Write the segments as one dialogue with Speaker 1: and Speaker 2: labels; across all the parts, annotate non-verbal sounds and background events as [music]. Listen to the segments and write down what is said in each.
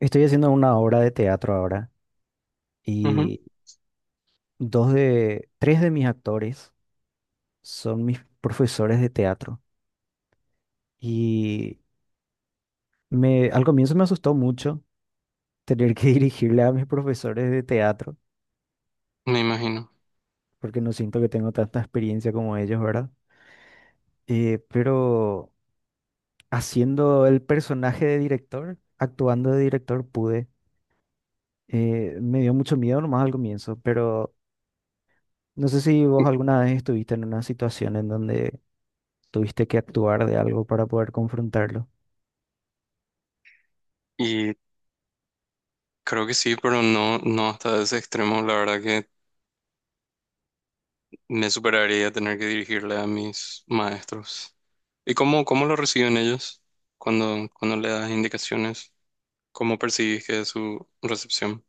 Speaker 1: Estoy haciendo una obra de teatro ahora
Speaker 2: Ujú.
Speaker 1: y tres de mis actores son mis profesores de teatro. Y al comienzo me asustó mucho tener que [laughs] dirigirle a mis profesores de teatro,
Speaker 2: Me imagino.
Speaker 1: porque no siento que tengo tanta experiencia como ellos, ¿verdad? Pero haciendo el personaje de director, actuando de director, pude. Me dio mucho miedo nomás al comienzo, pero no sé si vos alguna vez estuviste en una situación en donde tuviste que actuar de algo para poder confrontarlo.
Speaker 2: Y creo que sí, pero no, no hasta ese extremo. La verdad que me superaría tener que dirigirle a mis maestros. ¿Y cómo lo reciben ellos cuando le das indicaciones? ¿Cómo percibís que es su recepción?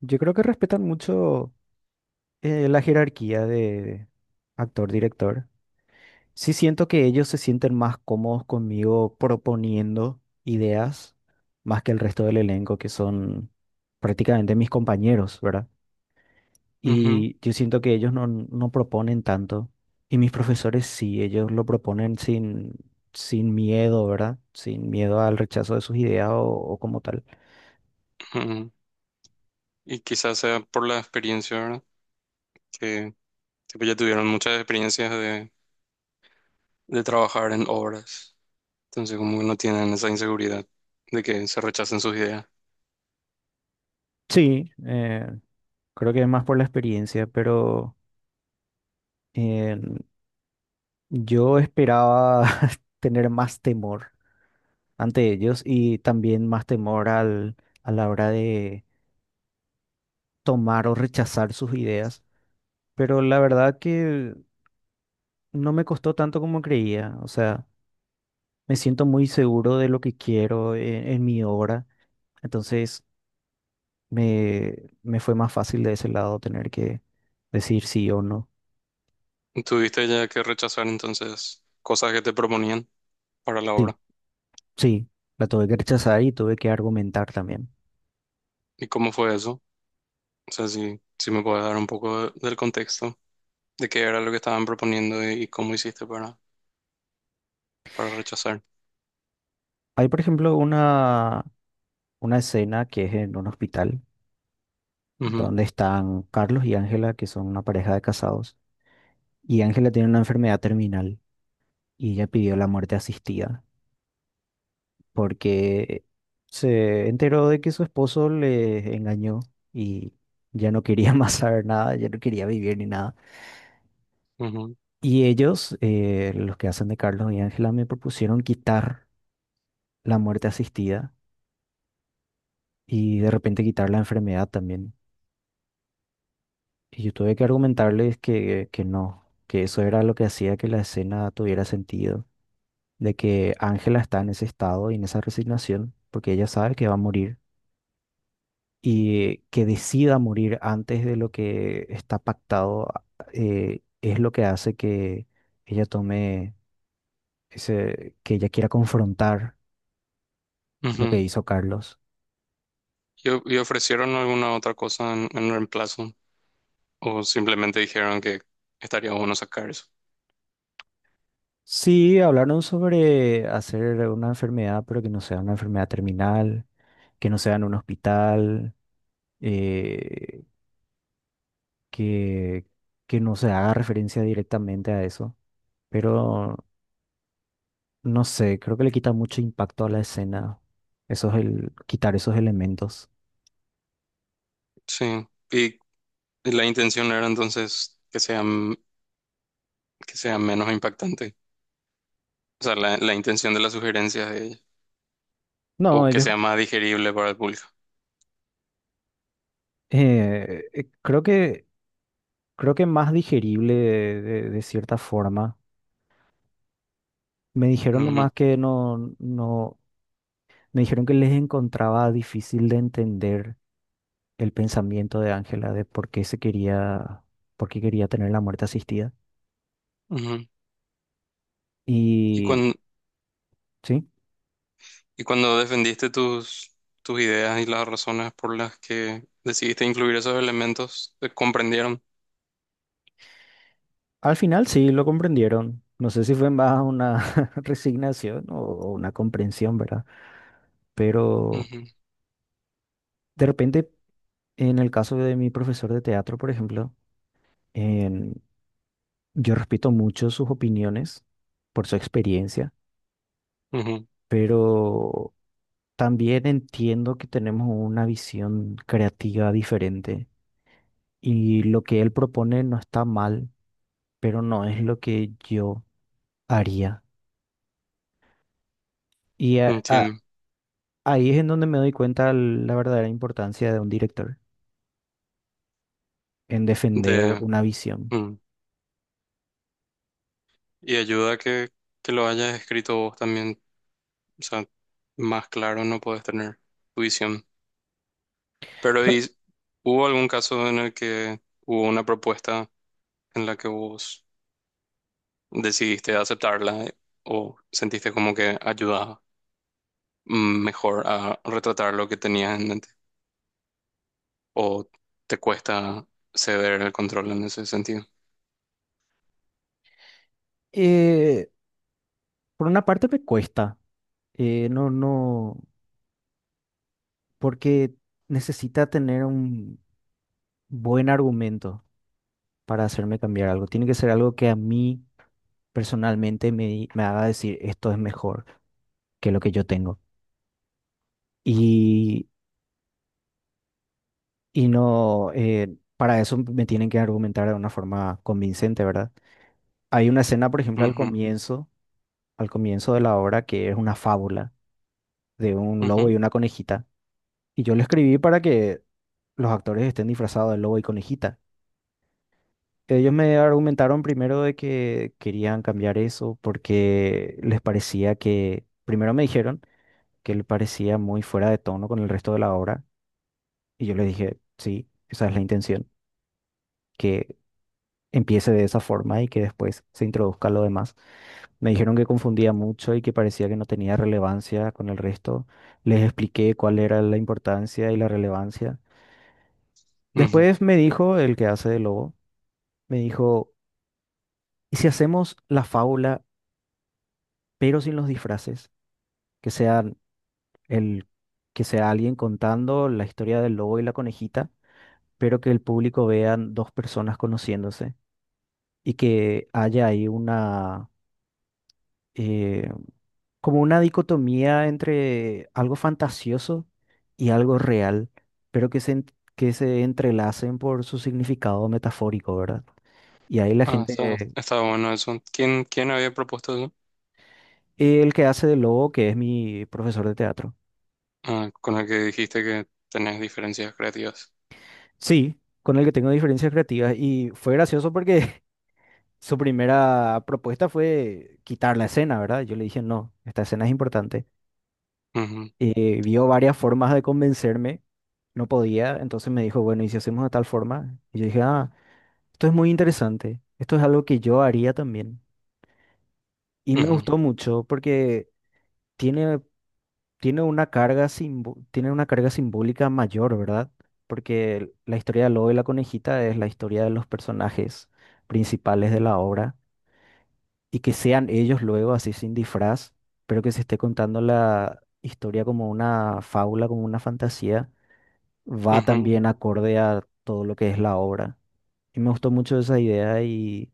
Speaker 1: Yo creo que respetan mucho la jerarquía de actor-director. Sí siento que ellos se sienten más cómodos conmigo proponiendo ideas más que el resto del elenco, que son prácticamente mis compañeros, ¿verdad?
Speaker 2: Ujú,
Speaker 1: Y yo siento que ellos no, no proponen tanto. Y mis profesores sí, ellos lo proponen sin miedo, ¿verdad? Sin miedo al rechazo de sus ideas o como tal.
Speaker 2: ujú. Y quizás sea por la experiencia, ¿verdad? Que tipo, ya tuvieron muchas experiencias de trabajar en obras. Entonces como que no tienen esa inseguridad de que se rechacen sus ideas.
Speaker 1: Sí, creo que es más por la experiencia, pero eh, yo esperaba [laughs] tener más temor ante ellos y también más temor a la hora de tomar o rechazar sus ideas. Pero la verdad que no me costó tanto como creía. O sea, me siento muy seguro de lo que quiero en mi obra. Entonces me, me fue más fácil de ese lado tener que decir sí o no.
Speaker 2: ¿Tuviste ya que rechazar entonces cosas que te proponían para la
Speaker 1: Sí,
Speaker 2: obra?
Speaker 1: sí, la tuve que rechazar y tuve que argumentar también.
Speaker 2: ¿Y cómo fue eso? O sea, si me puedes dar un poco del contexto de qué era lo que estaban proponiendo y cómo hiciste para rechazar.
Speaker 1: Hay, por ejemplo, una escena que es en un hospital
Speaker 2: Ujú,
Speaker 1: donde están Carlos y Ángela, que son una pareja de casados, y Ángela tiene una enfermedad terminal y ella pidió la muerte asistida, porque se enteró de que su esposo le engañó y ya no quería [laughs] más saber nada, ya no quería vivir ni nada.
Speaker 2: ujú,
Speaker 1: Y ellos, los que hacen de Carlos y Ángela, me propusieron quitar la muerte asistida y de repente quitar la enfermedad también. Y yo tuve que argumentarles que no, que eso era lo que hacía que la escena tuviera sentido, de que Ángela está en ese estado y en esa resignación, porque ella sabe que va a morir y que decida morir antes de lo que está pactado, es lo que hace que ella tome que ella quiera confrontar lo
Speaker 2: ujú.
Speaker 1: que hizo Carlos.
Speaker 2: ¿Y, y ofrecieron alguna otra cosa en reemplazo? ¿O simplemente dijeron que estaría bueno sacar eso?
Speaker 1: Sí, hablaron sobre hacer una enfermedad, pero que no sea una enfermedad terminal, que no sea en un hospital, eh, que, que no se haga referencia directamente a eso. Pero no sé, creo que le quita mucho impacto a la escena, quitar esos elementos.
Speaker 2: Sí. Y la intención era entonces que sea, que sea menos impactante. O sea, la intención de la sugerencia de ella.
Speaker 1: No,
Speaker 2: O que
Speaker 1: ellos
Speaker 2: sea más digerible para el público.
Speaker 1: eh, eh, creo que creo que más digerible de cierta forma. Me dijeron
Speaker 2: Ujú,
Speaker 1: nomás que no, me dijeron que les encontraba difícil de entender el pensamiento de Ángela de por qué se quería, por qué quería tener la muerte asistida.
Speaker 2: ujú. Y
Speaker 1: Y sí,
Speaker 2: y cuando defendiste tus ideas y las razones por las que decidiste incluir esos elementos, te comprendieron.
Speaker 1: al final sí lo comprendieron. No sé si fue más una [laughs] resignación o una comprensión, ¿verdad? Pero
Speaker 2: Ujú,
Speaker 1: de repente, en el caso de mi profesor de teatro, por ejemplo, Em, yo respeto mucho sus opiniones por su experiencia,
Speaker 2: ujú.
Speaker 1: pero también entiendo que tenemos una visión creativa diferente y lo que él propone no está mal, pero no es lo que yo haría. Y a- a-
Speaker 2: Entiendo.
Speaker 1: Ahí es en donde me doy cuenta la verdadera importancia de un director en defender
Speaker 2: De,
Speaker 1: una visión.
Speaker 2: mm. Y ayuda que lo hayas escrito vos también. O sea, más claro no podés tener tu visión. Pero
Speaker 1: Cla-
Speaker 2: ¿y hubo algún caso en el que hubo una propuesta en la que vos decidiste aceptarla, o sentiste como que ayudaba? Mm, ¿mejor a retratar lo que tenías en mente? ¿O te cuesta ceder el control en ese sentido?
Speaker 1: eh, por una parte me cuesta, no, porque necesita tener un buen argumento para hacerme cambiar algo. Tiene que ser algo que a mí personalmente me haga decir esto es mejor que lo que yo tengo. Y, y no, para eso me tienen que argumentar de una forma convincente, ¿verdad? Hay una escena, por ejemplo,
Speaker 2: Ujú,
Speaker 1: al comienzo de la obra que es una fábula de un lobo
Speaker 2: ujú,
Speaker 1: y una conejita. Y yo lo escribí para que los actores estén disfrazados de lobo y conejita. Ellos me argumentaron primero de que querían cambiar eso porque les parecía que, primero me dijeron que le parecía muy fuera de tono con el resto de la obra y yo les dije, sí, esa es la intención, que empiece de esa forma y que después se introduzca lo demás. Me dijeron que confundía mucho y que parecía que no tenía relevancia con el resto. Les expliqué cuál era la importancia y la relevancia.
Speaker 2: ujú.
Speaker 1: Después me dijo el que hace de lobo, me dijo, ¿y si hacemos la fábula pero sin los disfraces? Que sea el que sea alguien contando la historia del lobo y la conejita, pero que el público vean dos personas conociéndose y que haya ahí una eh, como una dicotomía entre algo fantasioso y algo real, pero que se en- que se entrelacen por su significado metafórico, ¿verdad? Y ahí la
Speaker 2: Ah,
Speaker 1: gente,
Speaker 2: está bueno eso. ¿Quién había propuesto eso?
Speaker 1: el que hace de lobo, que es mi profesor de teatro.
Speaker 2: Ah, con el que dijiste que tenés diferencias creativas.
Speaker 1: Sí, con el que tengo diferencias creativas y fue gracioso porque [laughs] su primera propuesta fue quitar la escena, ¿verdad? Yo le dije, no, esta escena es importante.
Speaker 2: Ujú,
Speaker 1: Vio varias formas de convencerme, no podía, entonces me dijo, bueno, ¿y si hacemos de tal forma? Y yo dije, ah, esto es muy interesante, esto es algo que yo haría también. Y me
Speaker 2: ujú,
Speaker 1: gustó mucho porque tiene, tiene una tiene una carga simbólica mayor, ¿verdad? Porque la historia de Lobo y la conejita es la historia de los personajes principales de la obra y que sean ellos luego así sin disfraz, pero que se esté contando la historia como una fábula, como una fantasía, va
Speaker 2: ujú.
Speaker 1: también acorde a todo lo que es la obra. Y me gustó mucho esa idea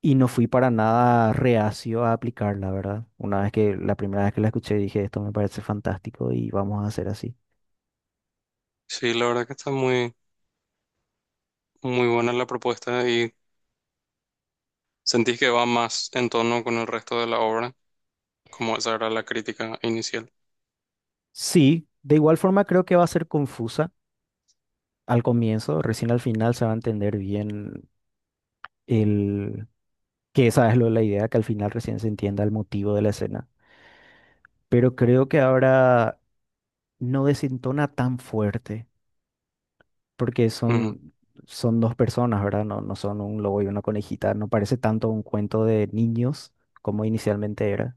Speaker 1: y no fui para nada reacio a aplicarla, ¿verdad? La primera vez que la escuché dije, esto me parece fantástico y vamos a hacer así.
Speaker 2: Sí, la verdad que está muy buena la propuesta y sentís que va más en tono con el resto de la obra, como esa era la crítica inicial.
Speaker 1: Sí, de igual forma creo que va a ser confusa al comienzo, recién al final se va a entender bien el que esa la idea, que al final recién se entienda el motivo de la escena. Pero creo que ahora no desentona tan fuerte, porque
Speaker 2: Ujú.
Speaker 1: son dos personas, ¿verdad? No, no son un lobo y una conejita, no parece tanto un cuento de niños como inicialmente era.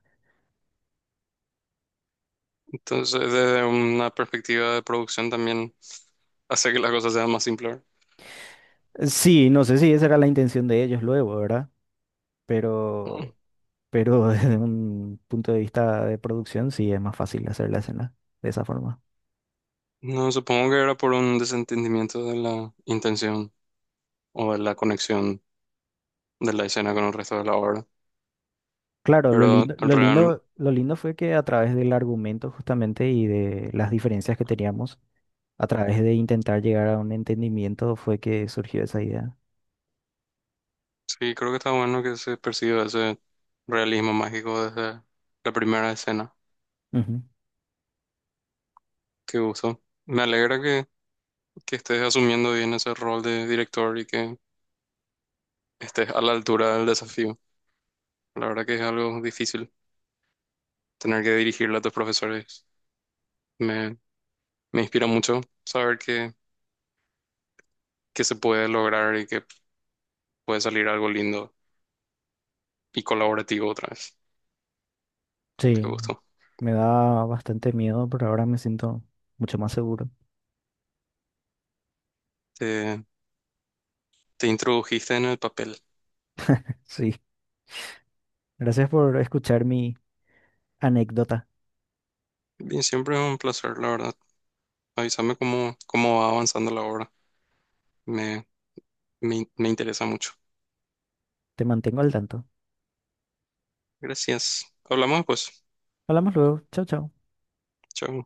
Speaker 2: Entonces, desde una perspectiva de producción también hace que las cosas sean más simples.
Speaker 1: Sí, no sé si esa era la intención de ellos luego, ¿verdad? Pero, pero [laughs] desde un punto de vista de producción sí es más fácil hacer la escena de esa forma.
Speaker 2: No, supongo que era por un desentendimiento de la intención o de la conexión de la escena con el resto de la obra.
Speaker 1: Claro,
Speaker 2: Pero realmente
Speaker 1: lo lindo fue que a través del argumento justamente y de las diferencias que teníamos, a través de intentar llegar a un entendimiento fue que surgió esa idea.
Speaker 2: sí, creo que está bueno que se perciba ese realismo mágico desde la primera escena
Speaker 1: Ujú.
Speaker 2: que usó. Me alegra que estés asumiendo bien ese rol de director y que estés a la altura del desafío. La verdad que es algo difícil tener que dirigirle a tus profesores. Me, me inspira mucho saber que se puede lograr y que puede salir algo lindo y colaborativo otra vez. Qué
Speaker 1: Sí,
Speaker 2: gusto.
Speaker 1: me da bastante miedo, pero ahora me siento mucho más seguro.
Speaker 2: Te, te introdujiste en el papel.
Speaker 1: Sí, gracias por escuchar mi anécdota.
Speaker 2: Bien, siempre es un placer, la verdad. Avísame cómo va avanzando la obra. Me, me interesa mucho.
Speaker 1: Te mantengo al tanto.
Speaker 2: Gracias. Hablamos pues.
Speaker 1: Hablamos luego. Chao, chao.
Speaker 2: Chao.